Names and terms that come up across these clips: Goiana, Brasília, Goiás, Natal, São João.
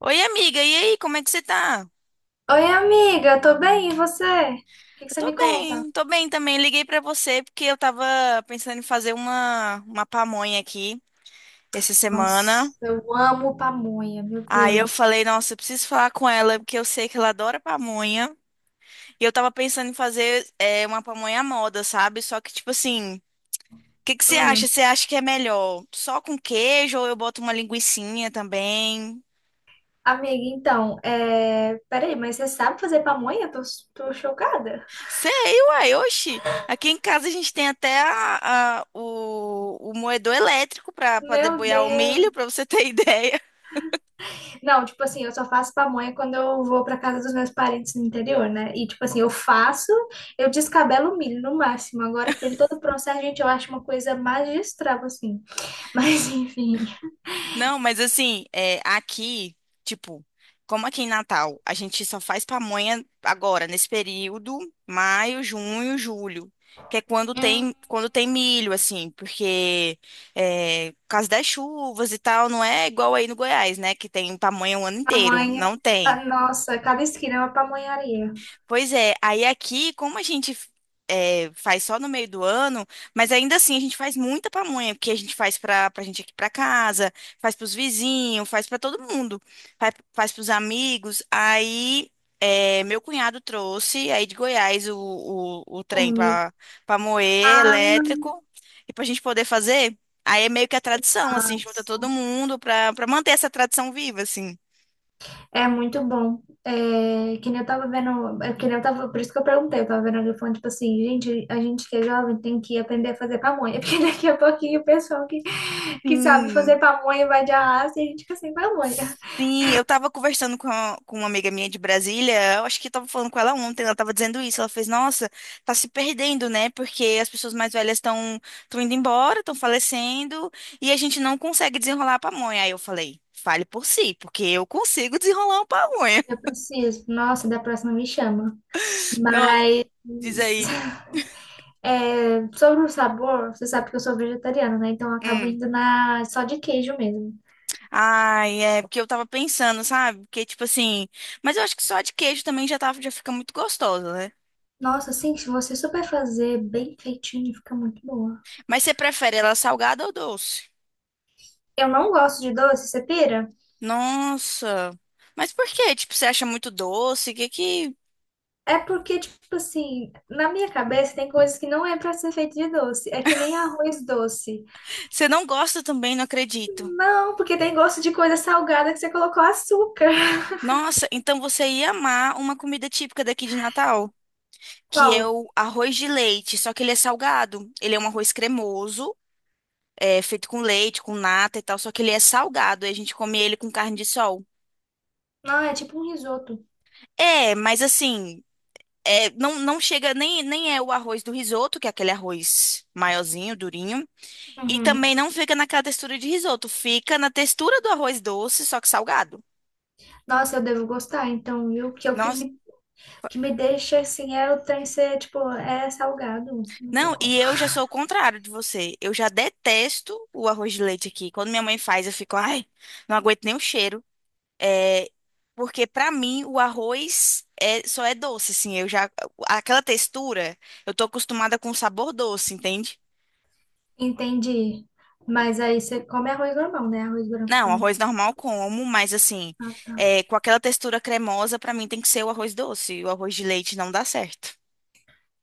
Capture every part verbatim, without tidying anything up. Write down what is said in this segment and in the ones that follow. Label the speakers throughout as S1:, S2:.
S1: Oi, amiga, e aí, como é que você tá?
S2: Oi, amiga, tô bem, e você? O que que
S1: Eu
S2: você
S1: tô
S2: me conta?
S1: bem, tô bem também. Liguei pra você porque eu tava pensando em fazer uma, uma pamonha aqui essa semana.
S2: Nossa, eu amo pamonha, meu
S1: Aí eu
S2: Deus.
S1: falei, nossa, eu preciso falar com ela porque eu sei que ela adora pamonha. E eu tava pensando em fazer é, uma pamonha à moda, sabe? Só que, tipo assim, o que que você
S2: Hum,
S1: acha? Você acha que é melhor só com queijo ou eu boto uma linguicinha também?
S2: amiga, então, é... peraí, mas você sabe fazer pamonha? Tô, tô chocada.
S1: Sei, uai, oxi. Aqui em casa a gente tem até a- a- o, o moedor elétrico para
S2: Meu
S1: deboiar o
S2: Deus.
S1: milho, para você ter ideia.
S2: Não, tipo assim, eu só faço pamonha quando eu vou pra casa dos meus parentes no interior, né? E, tipo assim, eu faço, eu descabelo o milho no máximo. Agora, aquele todo processo, gente, eu acho uma coisa magistral, assim. Mas, enfim.
S1: Não, mas assim, é, aqui, tipo, como aqui em Natal, a gente só faz pamonha agora, nesse período, maio, junho, julho. Que é quando
S2: Hum.
S1: tem, quando tem milho, assim, porque é, por causa das chuvas e tal, não é igual aí no Goiás, né? Que tem pamonha o ano inteiro.
S2: Pamonha.
S1: Não tem.
S2: Ah, nossa, cada esquina é uma pamonharia.
S1: Pois é, aí aqui, como a gente é, faz só no meio do ano, mas ainda assim a gente faz muita pamonha, porque a gente faz pra, pra, gente aqui pra casa, faz pros vizinhos, faz pra todo mundo, faz, faz pros amigos. Aí é, meu cunhado trouxe aí de Goiás o, o, o
S2: O
S1: trem
S2: milho.
S1: pra, pra, moer
S2: Ah,
S1: elétrico e pra gente poder fazer. Aí é meio que a tradição, assim, junta
S2: nossa.
S1: todo mundo pra, pra manter essa tradição viva, assim.
S2: É muito bom. É, que nem eu tava vendo. É, que nem eu tava, por isso que eu perguntei. Eu tava vendo alguém falando, tipo assim, gente, a gente que é jovem tem que aprender a fazer pamonha. Porque daqui a pouquinho o pessoal que, que sabe fazer
S1: Sim.
S2: pamonha vai de arrasto e a gente fica sem pamonha.
S1: Sim, eu tava conversando com, a- com uma amiga minha de Brasília, eu acho que eu tava falando com ela ontem, ela tava dizendo isso, ela fez, nossa, tá se perdendo, né? Porque as pessoas mais velhas estão estão indo embora, estão falecendo, e a gente não consegue desenrolar a pamonha. Aí eu falei, fale por si, porque eu consigo desenrolar uma pamonha.
S2: Eu preciso. Nossa, da próxima me chama.
S1: Nossa, diz
S2: Mas.
S1: aí.
S2: É, sobre o sabor, você sabe que eu sou vegetariana, né? Então eu acabo
S1: Hum.
S2: indo na só de queijo mesmo.
S1: Ai, é porque eu tava pensando, sabe? Porque, tipo assim, mas eu acho que só a de queijo também já, tá, já fica muito gostosa, né?
S2: Nossa, assim, se você souber fazer bem feitinho, fica muito boa.
S1: Mas você prefere ela salgada ou doce?
S2: Eu não gosto de doce, você pira?
S1: Nossa. Mas por quê? Tipo, você acha muito doce? Que que
S2: É porque, tipo assim, na minha cabeça tem coisas que não é pra ser feito de doce. É que nem arroz doce.
S1: você não gosta também, não acredito.
S2: Não, porque tem gosto de coisa salgada que você colocou açúcar.
S1: Nossa, então você ia amar uma comida típica daqui de Natal, que é
S2: Qual?
S1: o arroz de leite, só que ele é salgado. Ele é um arroz cremoso, é feito com leite, com nata e tal, só que ele é salgado e a gente come ele com carne de sol.
S2: Não, é tipo um risoto.
S1: É, mas assim, é, não, não chega nem nem é o arroz do risoto, que é aquele arroz maiorzinho, durinho. E
S2: Uhum.
S1: também não fica naquela textura de risoto, fica na textura do arroz doce, só que salgado.
S2: Nossa, eu devo gostar, então, eu que é o que
S1: Nossa,
S2: me que me deixa assim, é o trem ser, tipo, é salgado, não tem
S1: não,
S2: como.
S1: e eu já sou o contrário de você. Eu já detesto o arroz de leite aqui. Quando minha mãe faz, eu fico, ai, não aguento nem o cheiro. É, porque pra mim o arroz é, só é doce, assim. Eu já aquela textura, eu tô acostumada com o sabor doce, entende?
S2: Entendi. Mas aí você come arroz normal, né? Arroz branco
S1: Não,
S2: também.
S1: arroz normal eu como, mas assim,
S2: Ah,
S1: é,
S2: tá.
S1: com aquela textura cremosa, pra mim tem que ser o arroz doce. E o arroz de leite não dá certo.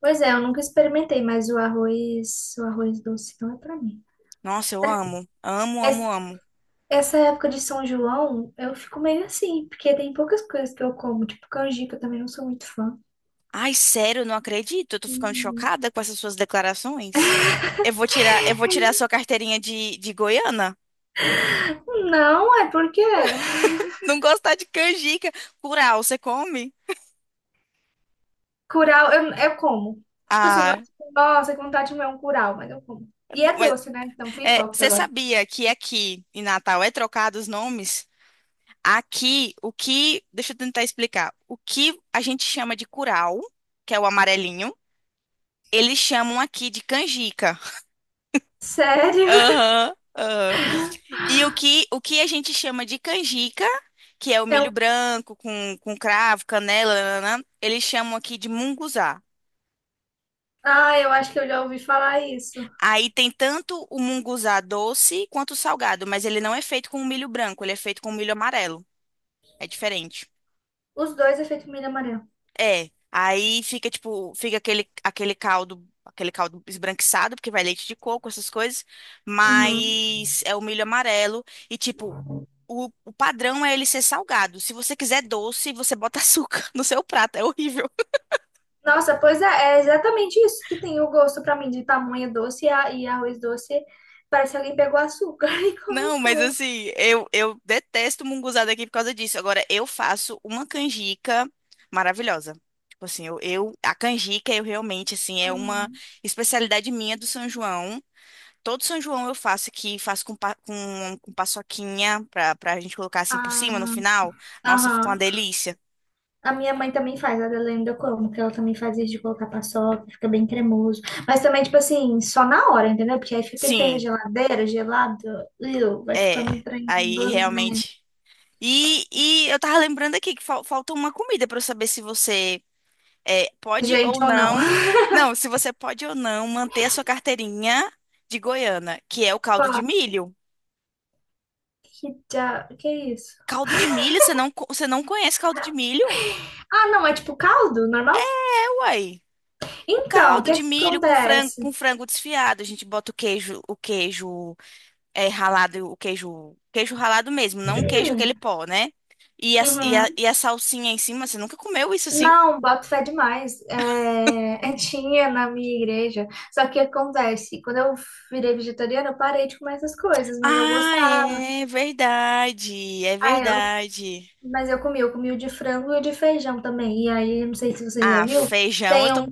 S2: Pois é, eu nunca experimentei, mas o arroz, o arroz doce não é pra mim.
S1: Nossa, eu amo. Amo, amo,
S2: Es-
S1: amo.
S2: Essa época de São João, eu fico meio assim, porque tem poucas coisas que eu como, tipo canjica, eu também não sou muito fã.
S1: Ai, sério, eu não acredito. Eu tô ficando
S2: Uhum.
S1: chocada com essas suas declarações. Eu vou tirar, eu vou tirar a sua carteirinha de, de Goiana.
S2: Não, é porque
S1: Não gostar de canjica. Curau, você come?
S2: Curau, eu, eu como. Tipo assim, não é
S1: Ah,
S2: tipo, nossa, que vontade de comer um curau, mas eu como. E é
S1: mas
S2: doce, né? Então fui
S1: é,
S2: hipócrita
S1: você
S2: agora.
S1: sabia que aqui em Natal é trocado os nomes? Aqui, o que. deixa eu tentar explicar. O que a gente chama de curau, que é o amarelinho, eles chamam aqui de canjica.
S2: Sério?
S1: Aham, aham. E o que, o que a gente chama de canjica, que é o
S2: Eu,
S1: milho branco com, com cravo, canela, nananã, eles chamam aqui de munguzá.
S2: ah, eu acho que eu já ouvi falar isso.
S1: Aí tem tanto o munguzá doce quanto o salgado, mas ele não é feito com o milho branco, ele é feito com o milho amarelo. É diferente.
S2: Os dois é feito milho amarelo.
S1: É, aí fica tipo, fica aquele, aquele caldo, aquele caldo esbranquiçado, porque vai leite de coco, essas coisas,
S2: Uhum.
S1: mas é o milho amarelo e tipo, o, o padrão é ele ser salgado. Se você quiser doce, você bota açúcar no seu prato, é horrível.
S2: Nossa, pois é, é exatamente isso que tem o gosto pra mim de tamanho doce e, a- e arroz doce. Parece que alguém pegou açúcar e
S1: Não, mas
S2: colocou.
S1: assim, eu, eu detesto munguzá daqui por causa disso. Agora, eu faço uma canjica maravilhosa. Tipo assim, eu, eu- a canjica, eu realmente, assim, é uma
S2: Hum.
S1: especialidade minha do São João. Todo São João eu faço aqui, faço com, pa- com, com paçoquinha pra, pra gente colocar assim por cima no
S2: Ah,
S1: final. Nossa, ficou uma
S2: aham.
S1: delícia.
S2: A minha mãe também faz, a da Lenda eu como, que ela também faz isso de colocar paçoca, fica bem cremoso. Mas também, tipo assim, só na hora, entendeu? Porque aí fica aquele trem na
S1: Sim,
S2: geladeira, gelado, iu, vai
S1: é.
S2: ficando um trem
S1: Aí
S2: gostoso, né?
S1: realmente. E, e eu tava lembrando aqui que fal- falta uma comida pra eu saber se você é, pode ou
S2: Gente ou não.
S1: não. Não, se você pode ou não manter a sua carteirinha de Goiânia, que é o caldo de
S2: Qual?
S1: milho.
S2: Que, dia- que é isso?
S1: Caldo de milho? Você não, co- você não conhece caldo de milho?
S2: Ah, não, é tipo caldo, normal?
S1: É, uai. O
S2: Então, o
S1: caldo
S2: que
S1: de
S2: que
S1: milho com frango,
S2: acontece?
S1: com frango desfiado. A gente bota o queijo, o queijo é, ralado, o queijo, queijo ralado mesmo, não o queijo aquele
S2: Hum,
S1: pó, né? E a, e a,
S2: uhum.
S1: e a salsinha em cima, você nunca comeu isso assim?
S2: Não, boto fé demais. É, tinha na minha igreja. Só que acontece, quando eu virei vegetariana, eu parei de comer essas coisas, mas eu
S1: Ah,
S2: gostava.
S1: é verdade, é
S2: Ah, eu,
S1: verdade.
S2: mas eu comi, eu comi o de frango e o de feijão também. E aí, não sei se você já
S1: Ah,
S2: viu,
S1: feijão eu
S2: tem
S1: tô,
S2: um,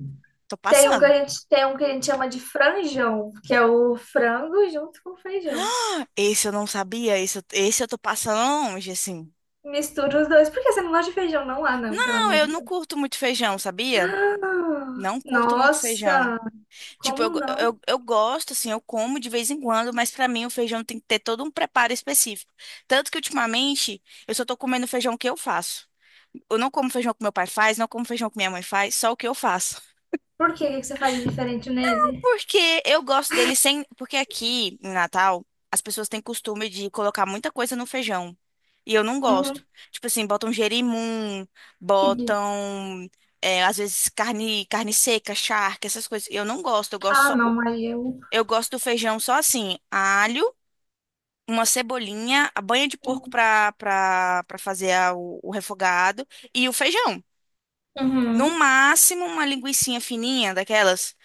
S1: tô
S2: tem um que a
S1: passando.
S2: gente, tem um que a gente chama de franjão, que é o frango junto com o feijão.
S1: Esse eu não sabia, esse, eu- esse eu tô passando longe, assim.
S2: Mistura os dois. Por que você não gosta de feijão? Não há, não, pelo
S1: Não,
S2: amor
S1: eu
S2: de
S1: não
S2: Deus.
S1: curto muito feijão, sabia?
S2: Ah,
S1: Não curto muito feijão.
S2: nossa,
S1: Tipo,
S2: como
S1: eu,
S2: não?
S1: eu, eu gosto, assim, eu como de vez em quando, mas pra mim o feijão tem que ter todo um preparo específico. Tanto que ultimamente eu só tô comendo feijão que eu faço. Eu não como feijão que meu pai faz, não como feijão que minha mãe faz, só o que eu faço.
S2: Por que, O que que você faz de diferente nele?
S1: Porque eu gosto dele sem. Porque aqui, em Natal, as pessoas têm costume de colocar muita coisa no feijão. E eu não gosto.
S2: Uhum,
S1: Tipo assim, botam jerimum,
S2: que di-
S1: botam. é, às vezes carne, carne seca, charque, essas coisas. Eu não gosto, eu gosto
S2: Ah,
S1: só.
S2: não, mas eu.
S1: Eu gosto do feijão só assim, alho, uma cebolinha, a banha de porco pra, pra, pra fazer a- o, o refogado e o feijão. No
S2: Uhum.
S1: máximo, uma linguicinha fininha daquelas.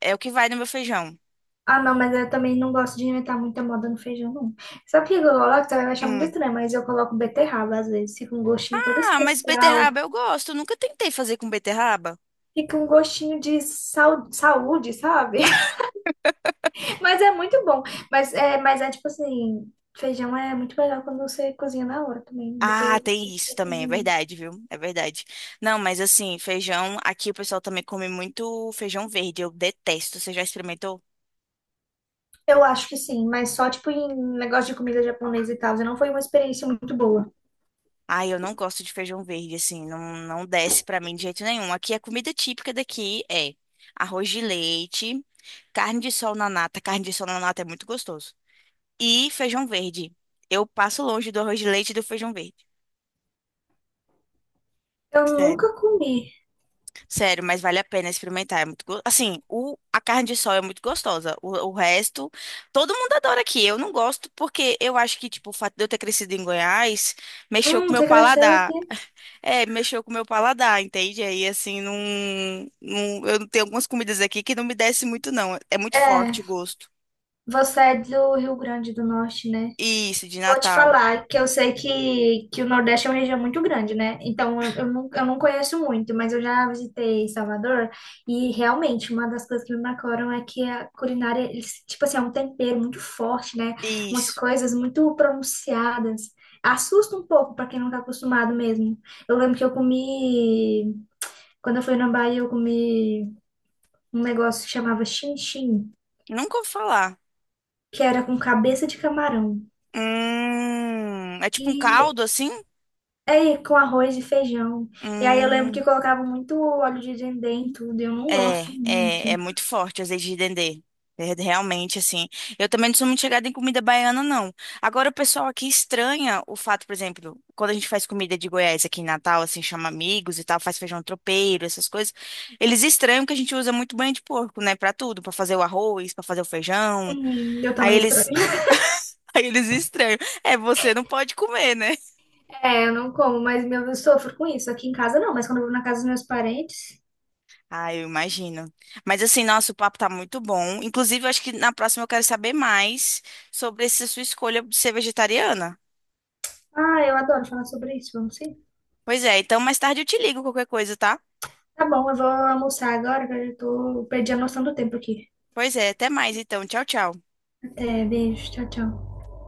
S1: É o que vai no meu feijão.
S2: Ah, não, mas eu também não gosto de inventar muita moda no feijão, não. Sabe o que eu coloco? Você vai achar muito
S1: Hum.
S2: estranho, mas eu coloco beterraba às vezes. Fica um gostinho todo
S1: Ah, mas
S2: especial.
S1: beterraba eu gosto. Eu nunca tentei fazer com beterraba.
S2: Fica um gostinho de sau- saúde, sabe? Mas é muito bom. Mas é, mas é tipo assim, feijão é muito melhor quando você cozinha na hora também. Depois
S1: Ah,
S2: ele...
S1: tem isso
S2: fica
S1: também, é
S2: com-
S1: verdade, viu? É verdade. Não, mas assim, feijão, aqui o pessoal também come muito feijão verde. Eu detesto. Você já experimentou?
S2: Eu acho que sim, mas só tipo em negócio de comida japonesa e tal. Não foi uma experiência muito boa.
S1: Ai, eu não gosto de feijão verde, assim, não, não desce pra mim de jeito nenhum. Aqui a comida típica daqui é arroz de leite, carne de sol na nata. Carne de sol na nata é muito gostoso. E feijão verde. Eu passo longe do arroz de leite e do feijão verde.
S2: Eu
S1: Sério.
S2: nunca comi.
S1: Sério, mas vale a pena experimentar. É muito go... Assim, o... a carne de sol é muito gostosa. O... o resto, todo mundo adora aqui. Eu não gosto porque eu acho que, tipo, o fato de eu ter crescido em Goiás mexeu com
S2: Hum,
S1: o meu
S2: você cresceu aqui?
S1: paladar. É, mexeu com o meu paladar, entende? Aí, assim, não, não. Eu tenho algumas comidas aqui que não me desce muito, não. É muito
S2: É.
S1: forte o gosto.
S2: Você é do Rio Grande do Norte, né?
S1: Isso, de
S2: Vou te
S1: Natal.
S2: falar que eu sei que, que o Nordeste é uma região muito grande, né? Então eu, eu, não, eu não conheço muito, mas eu já visitei Salvador e realmente uma das coisas que me marcaram é que a culinária, eles, tipo assim, é um tempero muito forte, né? Umas
S1: Isso.
S2: coisas muito pronunciadas. Assusta um pouco para quem não tá acostumado mesmo. Eu lembro que eu comi, quando eu fui na Bahia, eu comi um negócio que chamava chin-chin,
S1: Nunca ouvi falar.
S2: que era com cabeça de camarão.
S1: Hum, é tipo um
S2: E
S1: caldo, assim?
S2: é, com arroz e feijão. E aí eu lembro que
S1: Hum.
S2: colocava muito óleo de dendê em tudo, e eu não gosto
S1: É, é, é
S2: muito.
S1: muito forte o azeite de dendê. É realmente, assim. Eu também não sou muito chegada em comida baiana, não. Agora, o pessoal aqui estranha o fato, por exemplo, quando a gente faz comida de Goiás aqui em Natal, assim, chama amigos e tal, faz feijão tropeiro, essas coisas. Eles estranham que a gente usa muito banha de porco, né, pra tudo, pra fazer o arroz, pra fazer o feijão.
S2: Hum, eu
S1: Aí
S2: também estranho.
S1: eles, aí eles estranham. É, você não pode comer, né?
S2: É, eu não como, mas meu, eu sofro com isso. Aqui em casa não, mas quando eu vou na casa dos meus parentes.
S1: Ah, eu imagino. Mas assim, nosso papo tá muito bom. Inclusive, eu acho que na próxima eu quero saber mais sobre essa sua escolha de ser vegetariana.
S2: Ah, eu adoro falar sobre isso, vamos sim.
S1: Pois é, então mais tarde eu te ligo qualquer coisa, tá?
S2: Tá bom, eu vou almoçar agora, que eu já tô, perdi a noção do tempo aqui.
S1: Pois é, até mais então. Tchau, tchau.
S2: Até, beijo, tchau, tchau.